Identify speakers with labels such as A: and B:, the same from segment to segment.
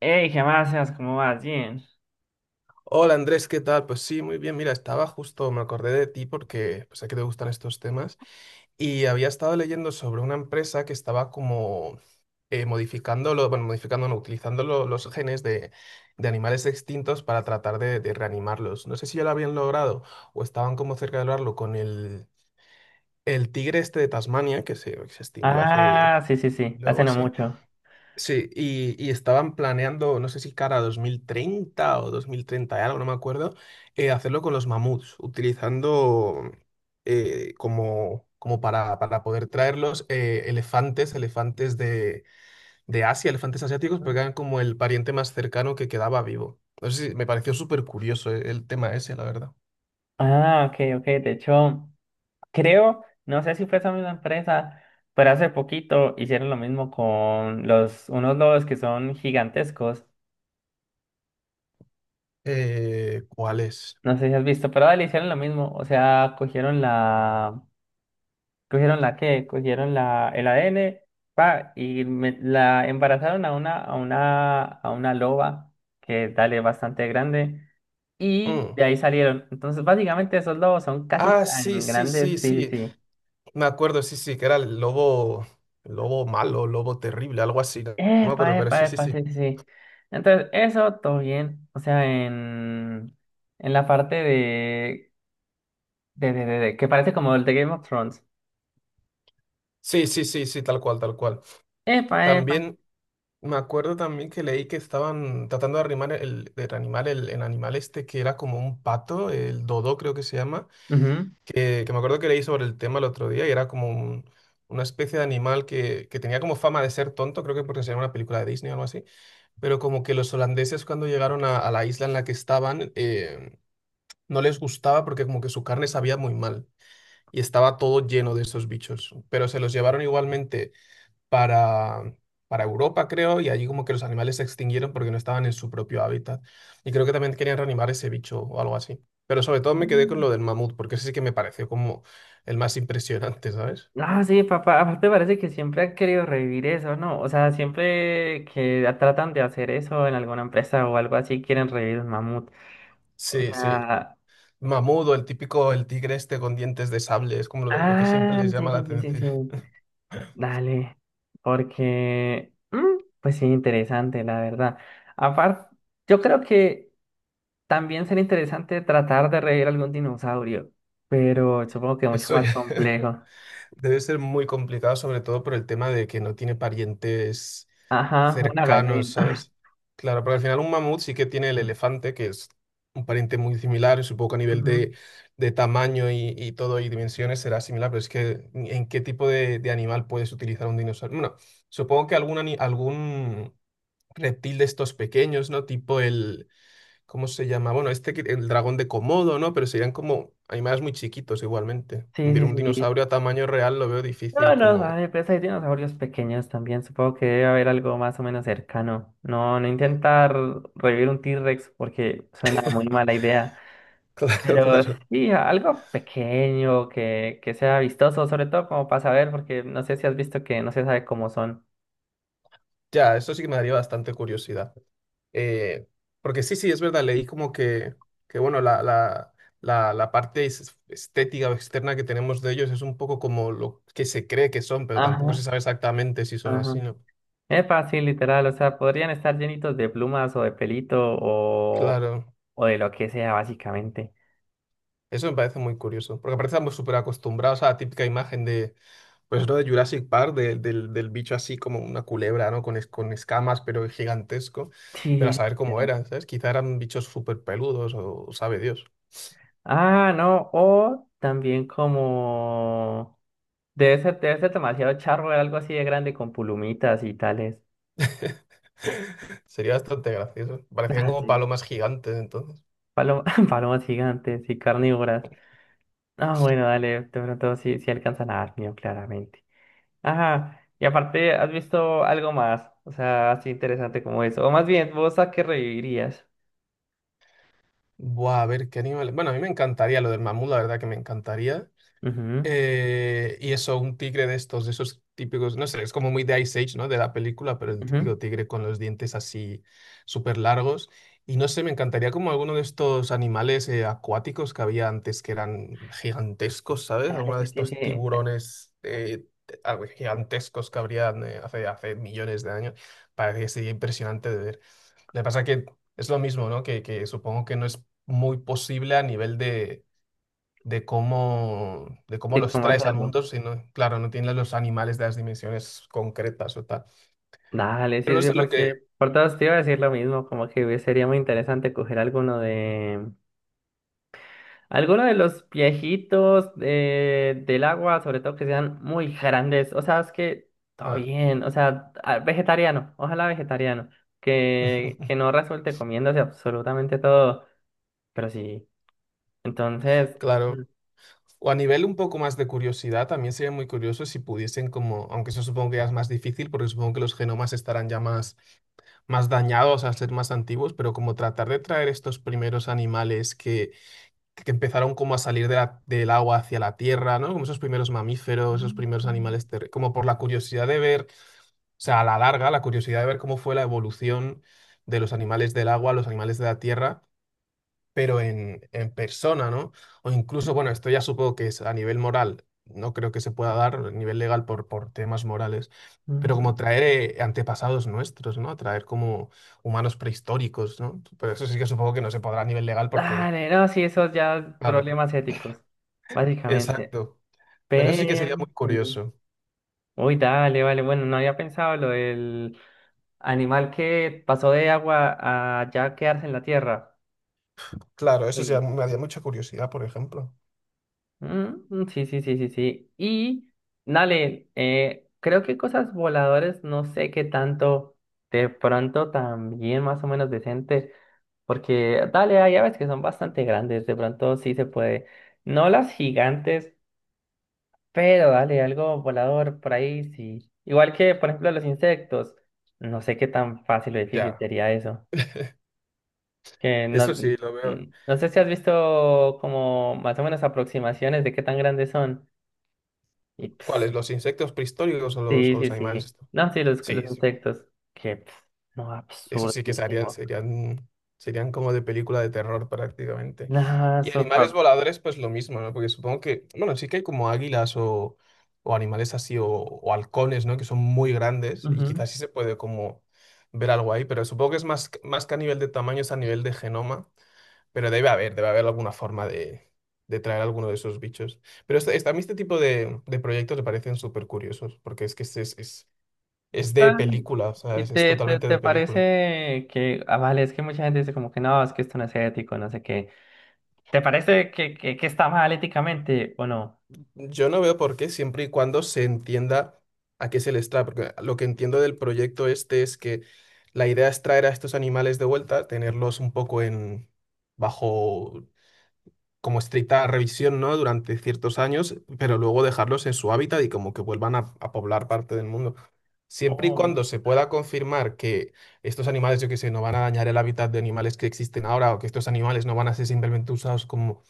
A: Hey, ¿qué más haces? ¿Cómo vas? Bien.
B: Hola Andrés, ¿qué tal? Pues sí, muy bien. Mira, estaba justo, me acordé de ti porque pues, sé que te gustan estos temas y había estado leyendo sobre una empresa que estaba como modificando, lo- bueno, modificando, no, utilizando los genes de animales extintos para tratar de reanimarlos. No sé si ya lo habían logrado o estaban como cerca de lograrlo con el tigre este de Tasmania que se extinguió hace
A: Ah, sí, sí, sí, hace
B: algo
A: no
B: así.
A: mucho.
B: Sí, y estaban planeando, no sé si cara a 2030 o 2030 y algo, no me acuerdo, hacerlo con los mamuts, utilizando para poder traerlos, elefantes de Asia, elefantes asiáticos, porque eran como el pariente más cercano que quedaba vivo. No sé si- Me pareció súper curioso, el tema ese, la verdad.
A: Ah, ok, ok. De hecho, creo, no sé si fue esa misma empresa, pero hace poquito hicieron lo mismo con los unos lobos que son gigantescos.
B: ¿Cuál es?
A: No sé si has visto, pero dale, hicieron lo mismo. O sea, cogieron la. ¿Cogieron la qué? Cogieron la, el ADN, pa, y la embarazaron a una, a una loba, que dale bastante grande, y
B: Mm.
A: de ahí salieron. Entonces, básicamente, esos lobos son casi
B: Ah, sí,
A: tan
B: sí, sí,
A: grandes. Sí, sí,
B: sí.
A: sí.
B: Me acuerdo, sí, sí, que era el lobo malo, lobo terrible, algo así. No no, me
A: Epa,
B: acuerdo, pero
A: epa,
B: sí, sí,
A: epa,
B: sí.
A: sí, sí, sí. Entonces, eso todo bien. O sea, en la parte de, de- que parece como el de Game of Thrones.
B: Sí, sí, sí, sí, tal cual, tal cual.
A: Epa, epa.
B: También me acuerdo también que leí que estaban tratando de reanimar el animal este que era como un pato, el dodo creo que se llama,
A: Ujú.
B: que me acuerdo que leí sobre el tema el otro día y era como una especie de animal que tenía como fama de ser tonto, creo que porque sería una película de Disney o algo así, pero como que los holandeses cuando llegaron a la isla en la que estaban, no les gustaba porque como que su carne sabía muy mal y estaba todo lleno de esos bichos. Pero se los llevaron igualmente para, para Europa, creo, y allí como que los animales se extinguieron porque no estaban en su propio hábitat. Y creo que también querían reanimar ese bicho o algo así. Pero sobre todo me quedé con
A: Mm.
B: lo del mamut, porque ese sí que me pareció como el más impresionante, ¿sabes?
A: Ah, sí, papá, aparte parece que siempre han querido revivir eso, ¿no? O sea, siempre que tratan de hacer eso en alguna empresa o algo así, quieren revivir un mamut. O
B: Sí, sí.
A: sea,
B: Mamut o el típico, el tigre este con dientes de sable, es como lo que siempre
A: ah,
B: les
A: sí,
B: llama la
A: sí, sí, sí,
B: atención.
A: sí, dale, porque, pues sí, interesante, la verdad. Aparte, yo creo que también sería interesante tratar de revivir algún dinosaurio, pero supongo que mucho
B: Eso
A: más
B: ya.
A: complejo.
B: Debe ser muy complicado, sobre todo por el tema de que no tiene parientes
A: Ajá, una
B: cercanos,
A: gallina.
B: ¿sabes? Claro, pero al final un mamut sí que tiene el elefante, que es un pariente muy similar, supongo que a nivel
A: Ujú.
B: de tamaño y todo y dimensiones será similar, pero es que ¿en qué tipo de animal puedes utilizar un dinosaurio? Bueno, supongo que algún reptil de estos pequeños, ¿no? Tipo el, ¿cómo se llama? Bueno, este, el dragón de Komodo, ¿no? Pero serían como animales muy chiquitos igualmente.
A: Sí,
B: Ver
A: sí,
B: un
A: sí.
B: dinosaurio a tamaño real lo veo difícil
A: No, no,
B: como...
A: hay, pues hay dinosaurios pequeños también. Supongo que debe haber algo más o menos cercano. No, no intentar revivir un T-Rex porque suena muy mala idea.
B: Claro,
A: Pero
B: claro.
A: sí, algo pequeño que sea vistoso, sobre todo como para saber, porque no sé si has visto que no se sabe cómo son.
B: Ya, eso sí que me daría bastante curiosidad. Eh, porque sí, sí, es verdad, leí como que bueno, la parte estética o externa que tenemos de ellos es un poco como lo que se cree que son, pero tampoco
A: Ajá,
B: se sabe exactamente si son
A: ajá.
B: así, ¿no?
A: Es fácil, literal. O sea, podrían estar llenitos de plumas o de pelito
B: Claro,
A: o de lo que sea, básicamente.
B: eso me parece muy curioso, porque aparte estamos súper acostumbrados a la típica imagen de pues lo de Jurassic Park, del bicho así como una culebra, ¿no? Con, con escamas, pero gigantesco.
A: Sí,
B: Pero
A: sí,
B: a
A: sí,
B: saber cómo
A: literal.
B: eran, ¿sabes? Quizá eran bichos súper peludos o sabe Dios.
A: Ah, no, o también como... debe ser demasiado charro ver algo así de grande con pulumitas y tales.
B: Sería bastante gracioso. Parecían
A: Ah,
B: como
A: sí.
B: palomas gigantes entonces.
A: Paloma- palomas gigantes y carnívoras. Ah, bueno, dale, de pronto sí, sí alcanzan a dar miedo, claramente. Ajá, y aparte, ¿has visto algo más? O sea, así interesante como eso. O más bien, ¿vos a qué revivirías?
B: Buah, a ver qué animal. Bueno, a mí me encantaría lo del mamut, la verdad que me encantaría.
A: Ujú,
B: Y eso, un tigre de estos, de esos típicos, no sé, es como muy de Ice Age, ¿no? De la película, pero el
A: ujú.
B: típico tigre con los dientes así súper largos. Y no sé, me encantaría como alguno de estos animales, acuáticos que había antes que eran gigantescos, ¿sabes?
A: Dale,
B: Alguno de
A: sí, sí.
B: estos tiburones, algo gigantescos que habrían, hace millones de años. Parece que sería impresionante de ver. Lo que pasa que es lo mismo, ¿no? Que supongo que no es muy posible a nivel de de cómo
A: De
B: los
A: cómo
B: traes al
A: hacerlo.
B: mundo, si no claro, no tienes los animales de las dimensiones concretas o tal.
A: Dale,
B: Pero
A: sí,
B: no
A: sí,
B: sé lo que...
A: porque por todos te iba a decir lo mismo, como que sería muy interesante coger alguno de los viejitos de, del agua, sobre todo que sean muy grandes. O sea, es que todo
B: ah,
A: bien, o sea, a- vegetariano, ojalá vegetariano, que no resulte comiéndose absolutamente todo, pero sí. Entonces,
B: claro.
A: mm,
B: O a nivel un poco más de curiosidad, también sería muy curioso si pudiesen como, aunque eso supongo que ya es más difícil, porque supongo que los genomas estarán ya más, más dañados al ser más antiguos, pero como tratar de traer estos primeros animales que empezaron como a salir de del agua hacia la tierra, ¿no? Como esos primeros mamíferos, esos primeros animales terrestres, como por la curiosidad de ver. O sea, a la larga, la curiosidad de ver cómo fue la evolución de los animales del agua, los animales de la tierra, pero en persona, ¿no? O incluso, bueno, esto ya supongo que es a nivel moral, no creo que se pueda dar a nivel legal por temas morales, pero como
A: mm,
B: traer antepasados nuestros, ¿no? Traer como humanos prehistóricos, ¿no? Pero eso sí que supongo que no se podrá a nivel legal porque,
A: dale, no, sí, esos ya
B: claro,
A: problemas éticos, básicamente.
B: exacto. Pero eso sí que sería
A: Pero
B: muy
A: sí.
B: curioso.
A: Uy, dale, vale. Bueno, no había pensado lo del animal que pasó de agua a ya quedarse en la tierra.
B: Claro, eso sí
A: Oye,
B: me haría mucha curiosidad, por ejemplo.
A: mm, mm, sí, sí, sí, sí, sí. Y, dale, creo que cosas voladoras, no sé qué tanto, de pronto también más o menos decente, porque, dale, hay aves que son bastante grandes, de pronto sí se puede. No las gigantes, pero dale, algo volador por ahí, sí. Igual que, por ejemplo, los insectos. No sé qué tan fácil o difícil
B: Ya,
A: sería eso. Que no,
B: eso sí, lo veo.
A: no sé si has visto como más o menos aproximaciones de qué tan grandes son. Y pss,
B: ¿Cuáles? ¿Los insectos prehistóricos
A: sí,
B: o
A: sí,
B: los animales
A: sí.
B: estos?
A: No, sí, los
B: Sí, sí,
A: insectos. Que pss, no,
B: eso sí que serían,
A: absurdísimo.
B: serían, serían como de película de terror prácticamente.
A: No,
B: Y
A: sopa.
B: animales voladores, pues lo mismo, ¿no? Porque supongo que, bueno, sí que hay como águilas o animales así, o halcones, ¿no? Que son muy grandes y
A: Ujú.
B: quizás sí se puede como ver algo ahí, pero supongo que es más, más que a nivel de tamaño, es a nivel de genoma, pero debe haber alguna forma de traer alguno de esos bichos. Pero a mí este tipo de proyectos me parecen súper curiosos, porque es que es de
A: Ay,
B: película, o sea,
A: ¿y
B: es totalmente de
A: te
B: película.
A: parece que, ah, vale, es que mucha gente dice como que no, es que esto no es ético, no sé qué. ¿Te parece que, que está mal éticamente o no?
B: Yo no veo por qué, siempre y cuando se entienda a qué se les trae, porque lo que entiendo del proyecto este es que la idea es traer a estos animales de vuelta, tenerlos un poco en bajo como estricta revisión, ¿no? Durante ciertos años, pero luego dejarlos en su hábitat y como que vuelvan a poblar parte del mundo. Siempre y
A: Oh,
B: cuando se pueda confirmar que estos animales, yo qué sé, no van a dañar el hábitat de animales que existen ahora o que estos animales no van a ser simplemente usados como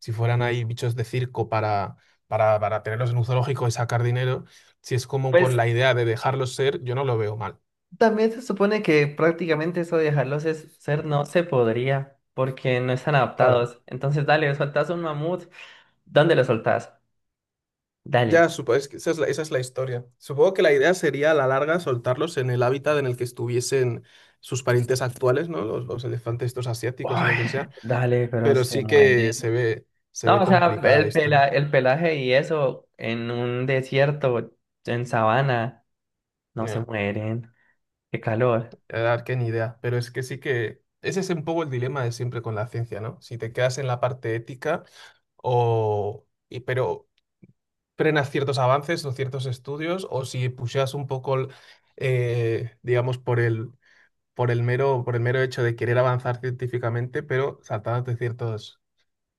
B: si fueran ahí bichos de circo para tenerlos en un zoológico y sacar dinero, si es como con
A: pues
B: la idea de dejarlos ser, yo no lo veo mal.
A: también se supone que prácticamente eso de dejarlos es- ser no se podría porque no están
B: Claro,
A: adaptados. Entonces, dale, soltás un mamut. ¿Dónde lo soltás?
B: ya,
A: Dale.
B: supongo, es que esa es la historia. Supongo que la idea sería a la larga soltarlos en el hábitat en el que estuviesen sus parientes actuales, ¿no? Los elefantes estos asiáticos o
A: Ay,
B: lo que sea.
A: dale, pero
B: Pero
A: se
B: sí que
A: mueren.
B: se ve
A: No, o sea,
B: complicada la
A: el
B: historia.
A: pela- el pelaje y eso en un desierto, en sabana, no se
B: Ya,
A: mueren. Qué calor.
B: la verdad que ni idea. Pero es que sí que... Ese es un poco el dilema de siempre con la ciencia, ¿no? Si te quedas en la parte ética o... pero frenas ciertos avances o ciertos estudios o si pusheas un poco, digamos, por el mero hecho de querer avanzar científicamente, pero saltándote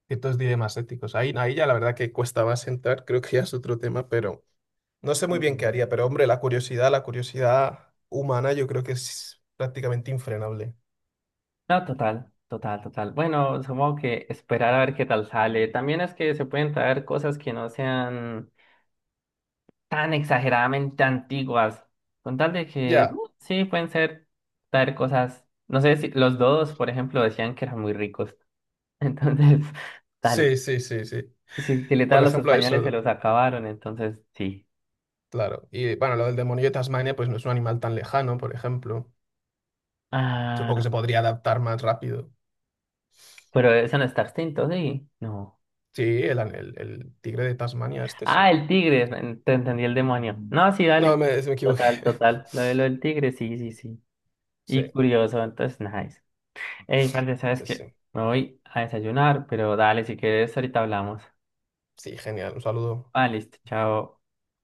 B: ciertos dilemas éticos. Ahí ya la verdad que cuesta más entrar, creo que ya es otro tema, pero no sé muy bien qué
A: Ajá.
B: haría, pero hombre, la curiosidad humana yo creo que es prácticamente infrenable.
A: No, total, total, total. Bueno, supongo que esperar a ver qué tal sale. También es que se pueden traer cosas que no sean tan exageradamente antiguas. Con tal de que
B: Ya,
A: sí pueden ser traer cosas. No sé si los dos, por ejemplo, decían que eran muy ricos. Entonces, dale.
B: sí, sí, sí, sí.
A: Si, si
B: Por
A: literal los
B: ejemplo,
A: españoles se
B: eso,
A: los acabaron, entonces sí.
B: claro. Y bueno, lo del demonio de Tasmania, pues no es un animal tan lejano, por ejemplo. Supongo que
A: Ah,
B: se podría adaptar más rápido.
A: pero eso no está extinto, sí. No.
B: Sí, el tigre de Tasmania, este sí.
A: Ah, el tigre, en- te entendí el demonio. No, sí,
B: No,
A: dale.
B: me equivoqué.
A: Total, total. Lo de lo del tigre, sí, sí, sí.
B: Sí,
A: Y curioso, entonces, nice. Ey, parce, ¿sabes
B: pues sí.
A: qué? Me voy a desayunar, pero dale, si quieres, ahorita hablamos.
B: Sí, genial, un saludo.
A: Ah, listo, chao.